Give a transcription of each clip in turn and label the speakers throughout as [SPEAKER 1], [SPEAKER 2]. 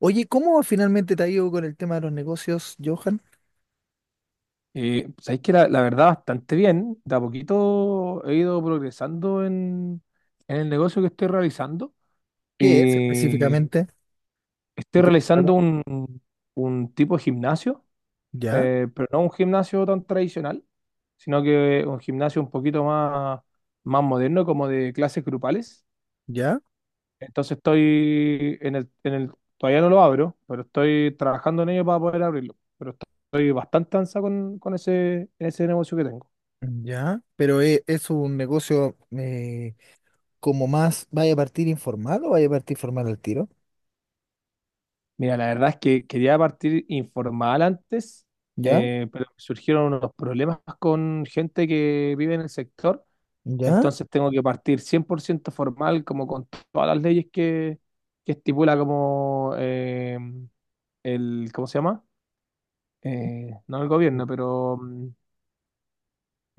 [SPEAKER 1] Oye, ¿cómo finalmente te ha ido con el tema de los negocios, Johan?
[SPEAKER 2] Sabéis que la verdad bastante bien, de a poquito he ido progresando en el negocio que estoy realizando.
[SPEAKER 1] ¿Qué es
[SPEAKER 2] Y
[SPEAKER 1] específicamente? ¿De
[SPEAKER 2] estoy
[SPEAKER 1] qué se
[SPEAKER 2] realizando
[SPEAKER 1] trata?
[SPEAKER 2] un tipo de gimnasio,
[SPEAKER 1] Ya,
[SPEAKER 2] pero no un gimnasio tan tradicional, sino que un gimnasio un poquito más, más moderno, como de clases grupales.
[SPEAKER 1] ya,
[SPEAKER 2] Entonces estoy en el, todavía no lo abro, pero estoy trabajando en ello para poder abrirlo. Pero estoy bastante ansa con ese negocio que tengo.
[SPEAKER 1] ya. Pero es un negocio como más, ¿vaya a partir informal o vaya a partir formal al tiro?
[SPEAKER 2] Mira, la verdad es que quería partir informal antes,
[SPEAKER 1] ¿Ya? Sí.
[SPEAKER 2] pero surgieron unos problemas con gente que vive en el sector,
[SPEAKER 1] ¿Ya?
[SPEAKER 2] entonces tengo que partir 100% formal, como con todas las leyes que estipula como el, ¿cómo se llama? No el gobierno, pero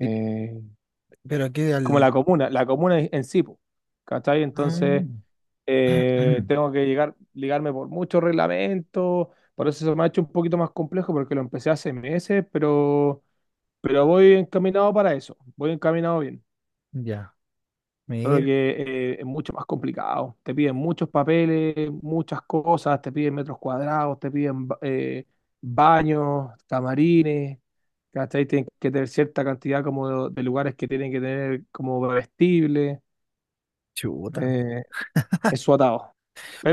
[SPEAKER 1] ¿Y- ¿Pero aquí
[SPEAKER 2] como
[SPEAKER 1] al...?
[SPEAKER 2] la comuna en sí, po, ¿cachai? Entonces,
[SPEAKER 1] Mm.
[SPEAKER 2] tengo que llegar, ligarme por muchos reglamentos, por eso se me ha hecho un poquito más complejo porque lo empecé hace meses, pero voy encaminado para eso, voy encaminado bien,
[SPEAKER 1] Ya,
[SPEAKER 2] solo
[SPEAKER 1] mira,
[SPEAKER 2] que es mucho más complicado, te piden muchos papeles, muchas cosas, te piden metros cuadrados, te piden baños, camarines. ¿Cachai? Tienen que tener cierta cantidad como de lugares que tienen que tener como vestibles,
[SPEAKER 1] chuta.
[SPEAKER 2] eh, es su atado.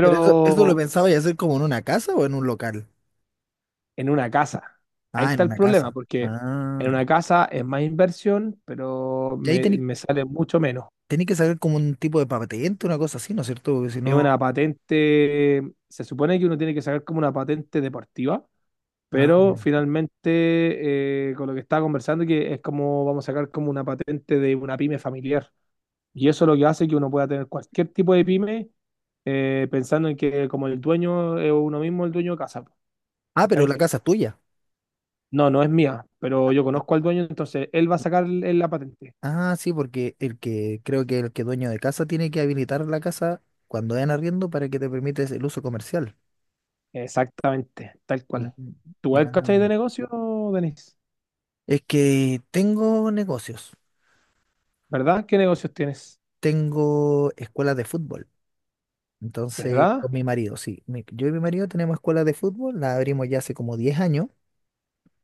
[SPEAKER 1] ¿Pero eso lo pensaba pensabas hacer como en una casa o en un local?
[SPEAKER 2] en una casa. Ahí
[SPEAKER 1] Ah, en
[SPEAKER 2] está el
[SPEAKER 1] una
[SPEAKER 2] problema,
[SPEAKER 1] casa.
[SPEAKER 2] porque en
[SPEAKER 1] Ah.
[SPEAKER 2] una casa es más inversión, pero
[SPEAKER 1] Y ahí
[SPEAKER 2] me,
[SPEAKER 1] tenéis
[SPEAKER 2] me sale mucho menos.
[SPEAKER 1] que saber como un tipo de patente, una cosa así, ¿no es cierto? Porque si
[SPEAKER 2] Es una
[SPEAKER 1] no...
[SPEAKER 2] patente, se supone que uno tiene que sacar como una patente deportiva,
[SPEAKER 1] Ah,
[SPEAKER 2] pero
[SPEAKER 1] ya.
[SPEAKER 2] finalmente con lo que estaba conversando, que es como vamos a sacar como una patente de una pyme familiar. Y eso es lo que hace que uno pueda tener cualquier tipo de pyme, pensando en que como el dueño es uno mismo el dueño de casa,
[SPEAKER 1] Ah, pero la
[SPEAKER 2] ¿cachai?
[SPEAKER 1] casa es tuya.
[SPEAKER 2] No, no es mía, pero yo conozco al dueño, entonces él va a sacar la patente.
[SPEAKER 1] Ah, sí, porque el que creo que el que dueño de casa tiene que habilitar la casa cuando en arriendo para que te permites el uso comercial.
[SPEAKER 2] Exactamente, tal cual.
[SPEAKER 1] Mm.
[SPEAKER 2] ¿Tú eres
[SPEAKER 1] Ah,
[SPEAKER 2] cachai de
[SPEAKER 1] mira.
[SPEAKER 2] negocio, Denis?
[SPEAKER 1] Es que tengo negocios,
[SPEAKER 2] ¿Verdad? ¿Qué negocios tienes?
[SPEAKER 1] tengo escuelas de fútbol. Entonces, con
[SPEAKER 2] ¿Verdad?
[SPEAKER 1] mi marido, sí. Yo y mi marido tenemos escuelas de fútbol, la abrimos ya hace como 10 años.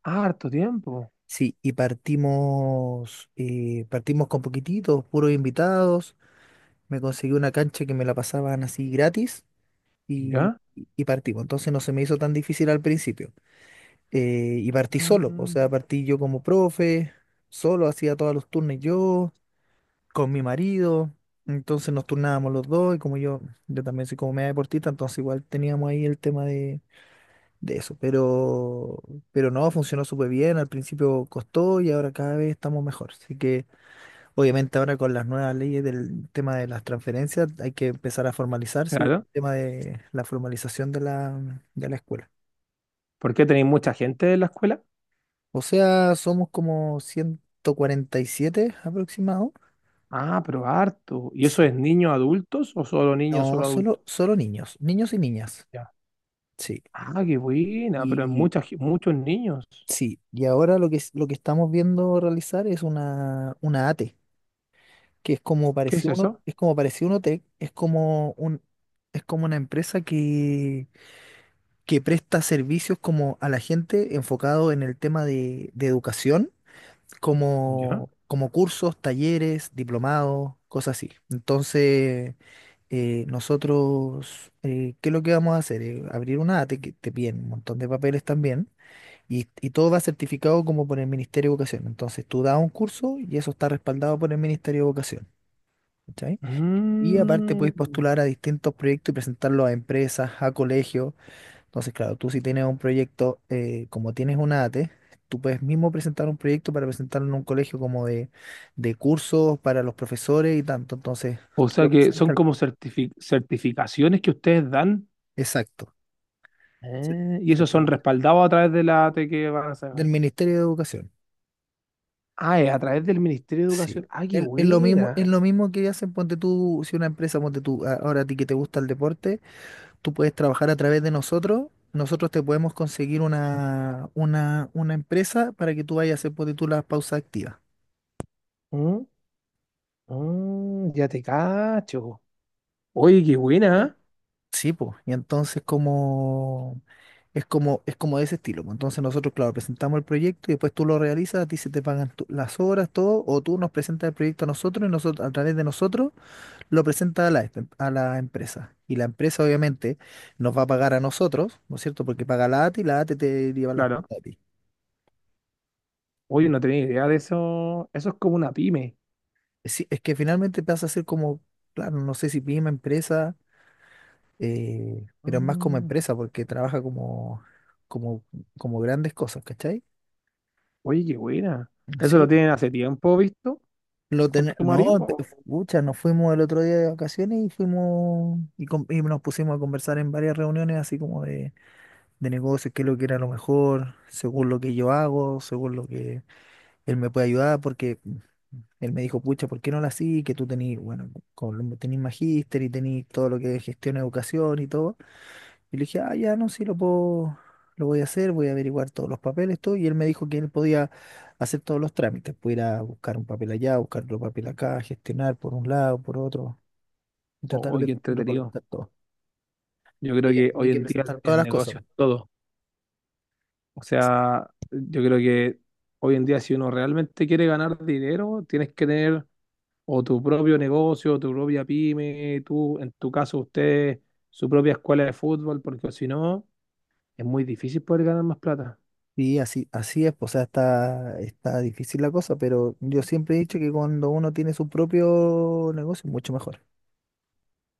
[SPEAKER 2] Ah, harto tiempo.
[SPEAKER 1] Sí, y partimos, partimos con poquititos, puros invitados. Me conseguí una cancha que me la pasaban así gratis. y,
[SPEAKER 2] ¿Ya?
[SPEAKER 1] y partimos. Entonces no se me hizo tan difícil al principio. Y partí solo, o
[SPEAKER 2] Ah,
[SPEAKER 1] sea, partí yo como profe, solo hacía todos los turnos yo, con mi marido. Entonces nos turnábamos los dos y como yo también soy como media deportista, entonces igual teníamos ahí el tema de eso. Pero no, funcionó súper bien, al principio costó y ahora cada vez estamos mejor. Así que... Obviamente ahora con las nuevas leyes del tema de las transferencias hay que empezar a formalizarse, el
[SPEAKER 2] claro.
[SPEAKER 1] tema de la formalización de de la escuela.
[SPEAKER 2] ¿Por qué tenéis mucha gente en la escuela?
[SPEAKER 1] O sea, somos como 147 aproximados.
[SPEAKER 2] Ah, pero harto. ¿Y eso
[SPEAKER 1] Sí.
[SPEAKER 2] es niños adultos o solo niños,
[SPEAKER 1] No,
[SPEAKER 2] solo adultos?
[SPEAKER 1] solo niños, niños y niñas.
[SPEAKER 2] Ya.
[SPEAKER 1] Sí.
[SPEAKER 2] Ah, qué buena, pero es
[SPEAKER 1] Y
[SPEAKER 2] muchos niños.
[SPEAKER 1] sí, y ahora lo que, lo que estamos viendo realizar es una ATE, que es como
[SPEAKER 2] ¿Qué es
[SPEAKER 1] pareció uno,
[SPEAKER 2] eso?
[SPEAKER 1] es como pareció Unotec, es como un es como una empresa que presta servicios como a la gente enfocado en el tema de educación,
[SPEAKER 2] ¿Ya?
[SPEAKER 1] como cursos, talleres, diplomados, cosas así. Entonces, nosotros, ¿qué es lo que vamos a hacer? Abrir una ATE que te piden un montón de papeles también y todo va certificado como por el Ministerio de Educación. Entonces, tú das un curso y eso está respaldado por el Ministerio de Educación. ¿Cachai? Y aparte
[SPEAKER 2] Mm.
[SPEAKER 1] podéis postular a distintos proyectos y presentarlos a empresas, a colegios. Entonces, claro, tú si tienes un proyecto, como tienes una ATE, tú puedes mismo presentar un proyecto para presentarlo en un colegio como de cursos para los profesores y tanto. Entonces,
[SPEAKER 2] O
[SPEAKER 1] tú
[SPEAKER 2] sea
[SPEAKER 1] lo
[SPEAKER 2] que son
[SPEAKER 1] presentas.
[SPEAKER 2] como certificaciones que ustedes dan
[SPEAKER 1] Exacto. cer-
[SPEAKER 2] y esos son
[SPEAKER 1] Certificado.
[SPEAKER 2] respaldados a través de la AT que van a sacar.
[SPEAKER 1] Del Ministerio de Educación.
[SPEAKER 2] Ah, es a través del Ministerio de
[SPEAKER 1] Sí.
[SPEAKER 2] Educación. Ah, qué
[SPEAKER 1] Es lo mismo, es
[SPEAKER 2] buena.
[SPEAKER 1] lo mismo que hacen, ponte tú, si una empresa, ponte tú, ahora a ti que te gusta el deporte, tú puedes trabajar a través de nosotros, nosotros te podemos conseguir una empresa para que tú vayas a hacer, ponte tú, las pausas activas.
[SPEAKER 2] Mm, mm, ya te cacho. Oye, qué buena. ¿Eh?
[SPEAKER 1] Sí, pues, y entonces como es como es como de ese estilo, po. Entonces nosotros, claro, presentamos el proyecto y después tú lo realizas, a ti se te pagan las horas, todo, o tú nos presentas el proyecto a nosotros y nosotros a través de nosotros lo presentas a a la empresa. Y la empresa obviamente nos va a pagar a nosotros, ¿no es cierto? Porque paga la ATI y la ATI te lleva las
[SPEAKER 2] Claro.
[SPEAKER 1] plata a ti.
[SPEAKER 2] Oye, no tenía idea de eso. Eso es como una pyme.
[SPEAKER 1] Sí, es que finalmente pasa a ser como, claro, no sé si PYME empresa, pero más como
[SPEAKER 2] Mm,
[SPEAKER 1] empresa porque trabaja como, como grandes cosas, ¿cachai?
[SPEAKER 2] oye, qué buena. ¿Eso lo
[SPEAKER 1] Sí,
[SPEAKER 2] tienen hace tiempo, visto, con tu
[SPEAKER 1] No,
[SPEAKER 2] marido? O,
[SPEAKER 1] pucha, nos fuimos el otro día de vacaciones y fuimos y, y nos pusimos a conversar en varias reuniones así como de negocios, qué es lo que era lo mejor, según lo que yo hago, según lo que él me puede ayudar, porque él me dijo, pucha, ¿por qué no la así? Que tú tenés, bueno, tenés magíster y tenés todo lo que es gestión, educación y todo. Y le dije, ah, ya no, sí, lo voy a hacer, voy a averiguar todos los papeles, todo. Y él me dijo que él podía hacer todos los trámites, pudiera ir a buscar un papel allá, buscar otro papel acá, gestionar por un lado, por otro, y tratar
[SPEAKER 2] oye,
[SPEAKER 1] de
[SPEAKER 2] qué entretenido.
[SPEAKER 1] recolectar todo.
[SPEAKER 2] Yo creo
[SPEAKER 1] Ella
[SPEAKER 2] que
[SPEAKER 1] tenía
[SPEAKER 2] hoy
[SPEAKER 1] que
[SPEAKER 2] en día el
[SPEAKER 1] presentar todas
[SPEAKER 2] el
[SPEAKER 1] las cosas.
[SPEAKER 2] negocio es todo. O sea, yo creo que hoy en día si uno realmente quiere ganar dinero, tienes que tener o tu propio negocio, o tu propia pyme, tú, en tu caso usted, su propia escuela de fútbol, porque si no, es muy difícil poder ganar más plata.
[SPEAKER 1] Así, así es, pues, o sea, está difícil la cosa, pero yo siempre he dicho que cuando uno tiene su propio negocio, mucho mejor.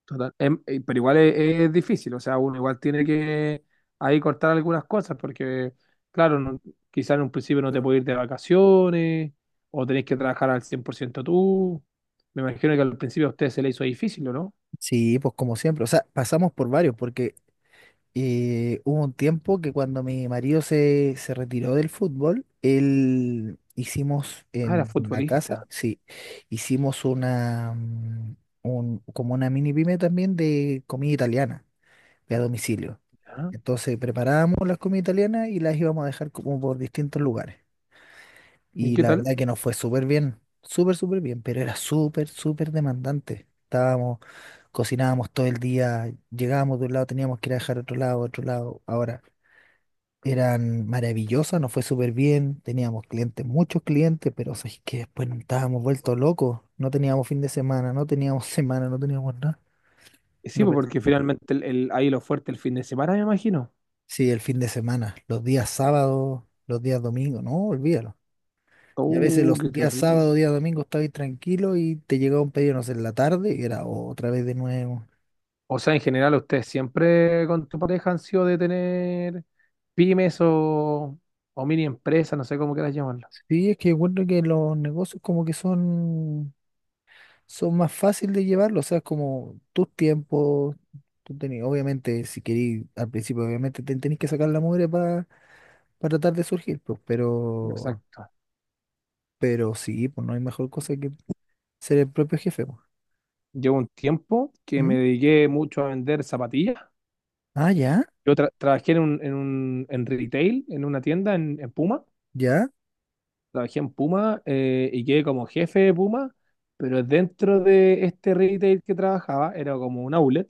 [SPEAKER 2] Total. Pero igual es difícil, o sea, uno igual tiene que ahí cortar algunas cosas, porque claro, no, quizás en un principio no te
[SPEAKER 1] Pero-
[SPEAKER 2] puedes ir de vacaciones, o tenés que trabajar al 100% tú. Me imagino que al principio a usted se le hizo difícil, ¿o no?
[SPEAKER 1] Sí, pues, como siempre, o sea, pasamos por varios, porque hubo un tiempo que cuando mi marido se retiró del fútbol, él hicimos
[SPEAKER 2] Ah, era
[SPEAKER 1] en la casa,
[SPEAKER 2] futbolista.
[SPEAKER 1] sí, hicimos como una mini pyme también de comida italiana, de a domicilio.
[SPEAKER 2] Ya.
[SPEAKER 1] Entonces preparábamos las comidas italianas y las íbamos a dejar como por distintos lugares.
[SPEAKER 2] ¿Y
[SPEAKER 1] Y
[SPEAKER 2] qué
[SPEAKER 1] la
[SPEAKER 2] tal?
[SPEAKER 1] verdad que nos fue súper bien, súper, súper bien, pero era súper, súper demandante. Estábamos Cocinábamos todo el día, llegábamos de un lado, teníamos que ir a dejar a otro lado, a otro lado. Ahora, eran maravillosas, nos fue súper bien, teníamos clientes, muchos clientes, pero es que después nos estábamos vueltos locos, no teníamos fin de semana, no teníamos semana, no teníamos nada.
[SPEAKER 2] Sí,
[SPEAKER 1] No
[SPEAKER 2] pues,
[SPEAKER 1] pens-
[SPEAKER 2] porque finalmente ahí lo fuerte el fin de semana, me imagino.
[SPEAKER 1] Sí, el fin de semana, los días sábados, los días domingos, no, olvídalo. Y a veces
[SPEAKER 2] Oh,
[SPEAKER 1] los
[SPEAKER 2] qué
[SPEAKER 1] días
[SPEAKER 2] terrible.
[SPEAKER 1] sábado días domingo estabas tranquilo y te llegaba un pedido, no sé, en la tarde y era otra vez de nuevo.
[SPEAKER 2] O sea, en general, ustedes siempre con tu pareja han sido de tener pymes o mini empresas, no sé cómo quieras llamarlo.
[SPEAKER 1] Sí, es que encuentro que los negocios como que son más fáciles de llevarlo, o sea, es como tus tiempos, tú tenés, obviamente, si querís, al principio obviamente te tenés que sacar la mugre para tratar de surgir, pues,
[SPEAKER 2] Exacto.
[SPEAKER 1] pero sí, pues no hay mejor cosa que ser el propio jefe, pues.
[SPEAKER 2] Llevo un tiempo que me
[SPEAKER 1] ¿Mm?
[SPEAKER 2] dediqué mucho a vender zapatillas.
[SPEAKER 1] Ah, ya,
[SPEAKER 2] Yo trabajé en un, en en retail, en una tienda en Puma,
[SPEAKER 1] ya,
[SPEAKER 2] trabajé en Puma y quedé como jefe de Puma, pero dentro de este retail que trabajaba, era como un outlet,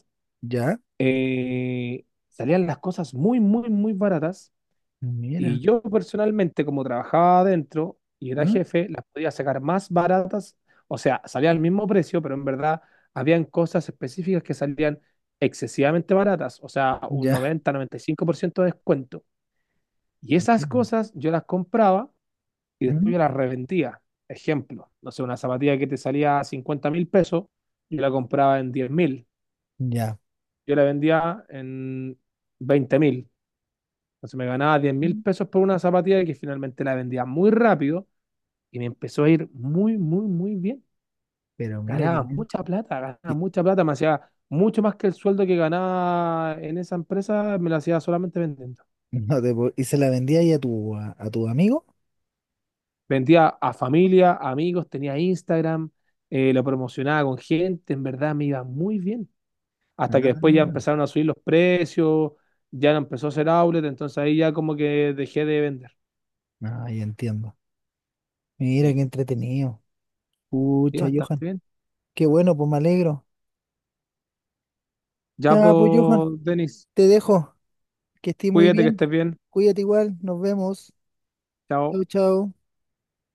[SPEAKER 1] ya,
[SPEAKER 2] salían las cosas muy, muy, muy baratas
[SPEAKER 1] mira,
[SPEAKER 2] y yo personalmente, como trabajaba adentro y era
[SPEAKER 1] ¿ah?
[SPEAKER 2] jefe, las podía sacar más baratas, o sea, salía al mismo precio, pero en verdad habían cosas específicas que salían excesivamente baratas, o sea, un
[SPEAKER 1] Ya,
[SPEAKER 2] noventa 95% de descuento. Y esas cosas yo las compraba y
[SPEAKER 1] ¿Mm?
[SPEAKER 2] después yo las reventía. Ejemplo, no sé, una zapatilla que te salía a 50 mil pesos, yo la compraba en 10.000,
[SPEAKER 1] Ya.
[SPEAKER 2] yo la vendía en 20.000. Entonces me ganaba 10.000
[SPEAKER 1] ¿Mm?
[SPEAKER 2] pesos por una zapatilla que finalmente la vendía muy rápido y me empezó a ir muy, muy, muy bien.
[SPEAKER 1] Pero mira que bien.
[SPEAKER 2] Ganaba
[SPEAKER 1] Y
[SPEAKER 2] mucha plata, me hacía mucho más que el sueldo que ganaba en esa empresa, me lo hacía solamente vendiendo.
[SPEAKER 1] no te puedo- y se la vendía ahí a tu, a tu amigo.
[SPEAKER 2] Vendía a familia, amigos, tenía Instagram, lo promocionaba con gente, en verdad me iba muy bien.
[SPEAKER 1] Ah,
[SPEAKER 2] Hasta que
[SPEAKER 1] ah,
[SPEAKER 2] después ya
[SPEAKER 1] ah,
[SPEAKER 2] empezaron a subir los precios, ya no empezó a ser outlet, entonces ahí ya como que dejé de vender.
[SPEAKER 1] ah, ya entiendo. Mira qué
[SPEAKER 2] Sí,
[SPEAKER 1] entretenido.
[SPEAKER 2] sí,
[SPEAKER 1] Pucha,
[SPEAKER 2] bastante
[SPEAKER 1] Johan.
[SPEAKER 2] bien.
[SPEAKER 1] Qué bueno, pues me alegro.
[SPEAKER 2] Ya,
[SPEAKER 1] Ya, pues, Johan,
[SPEAKER 2] pues, Denis,
[SPEAKER 1] te dejo. Que estés muy
[SPEAKER 2] cuídate que
[SPEAKER 1] bien.
[SPEAKER 2] estés bien.
[SPEAKER 1] Cuídate igual. Nos vemos.
[SPEAKER 2] Chao.
[SPEAKER 1] Chau, chau.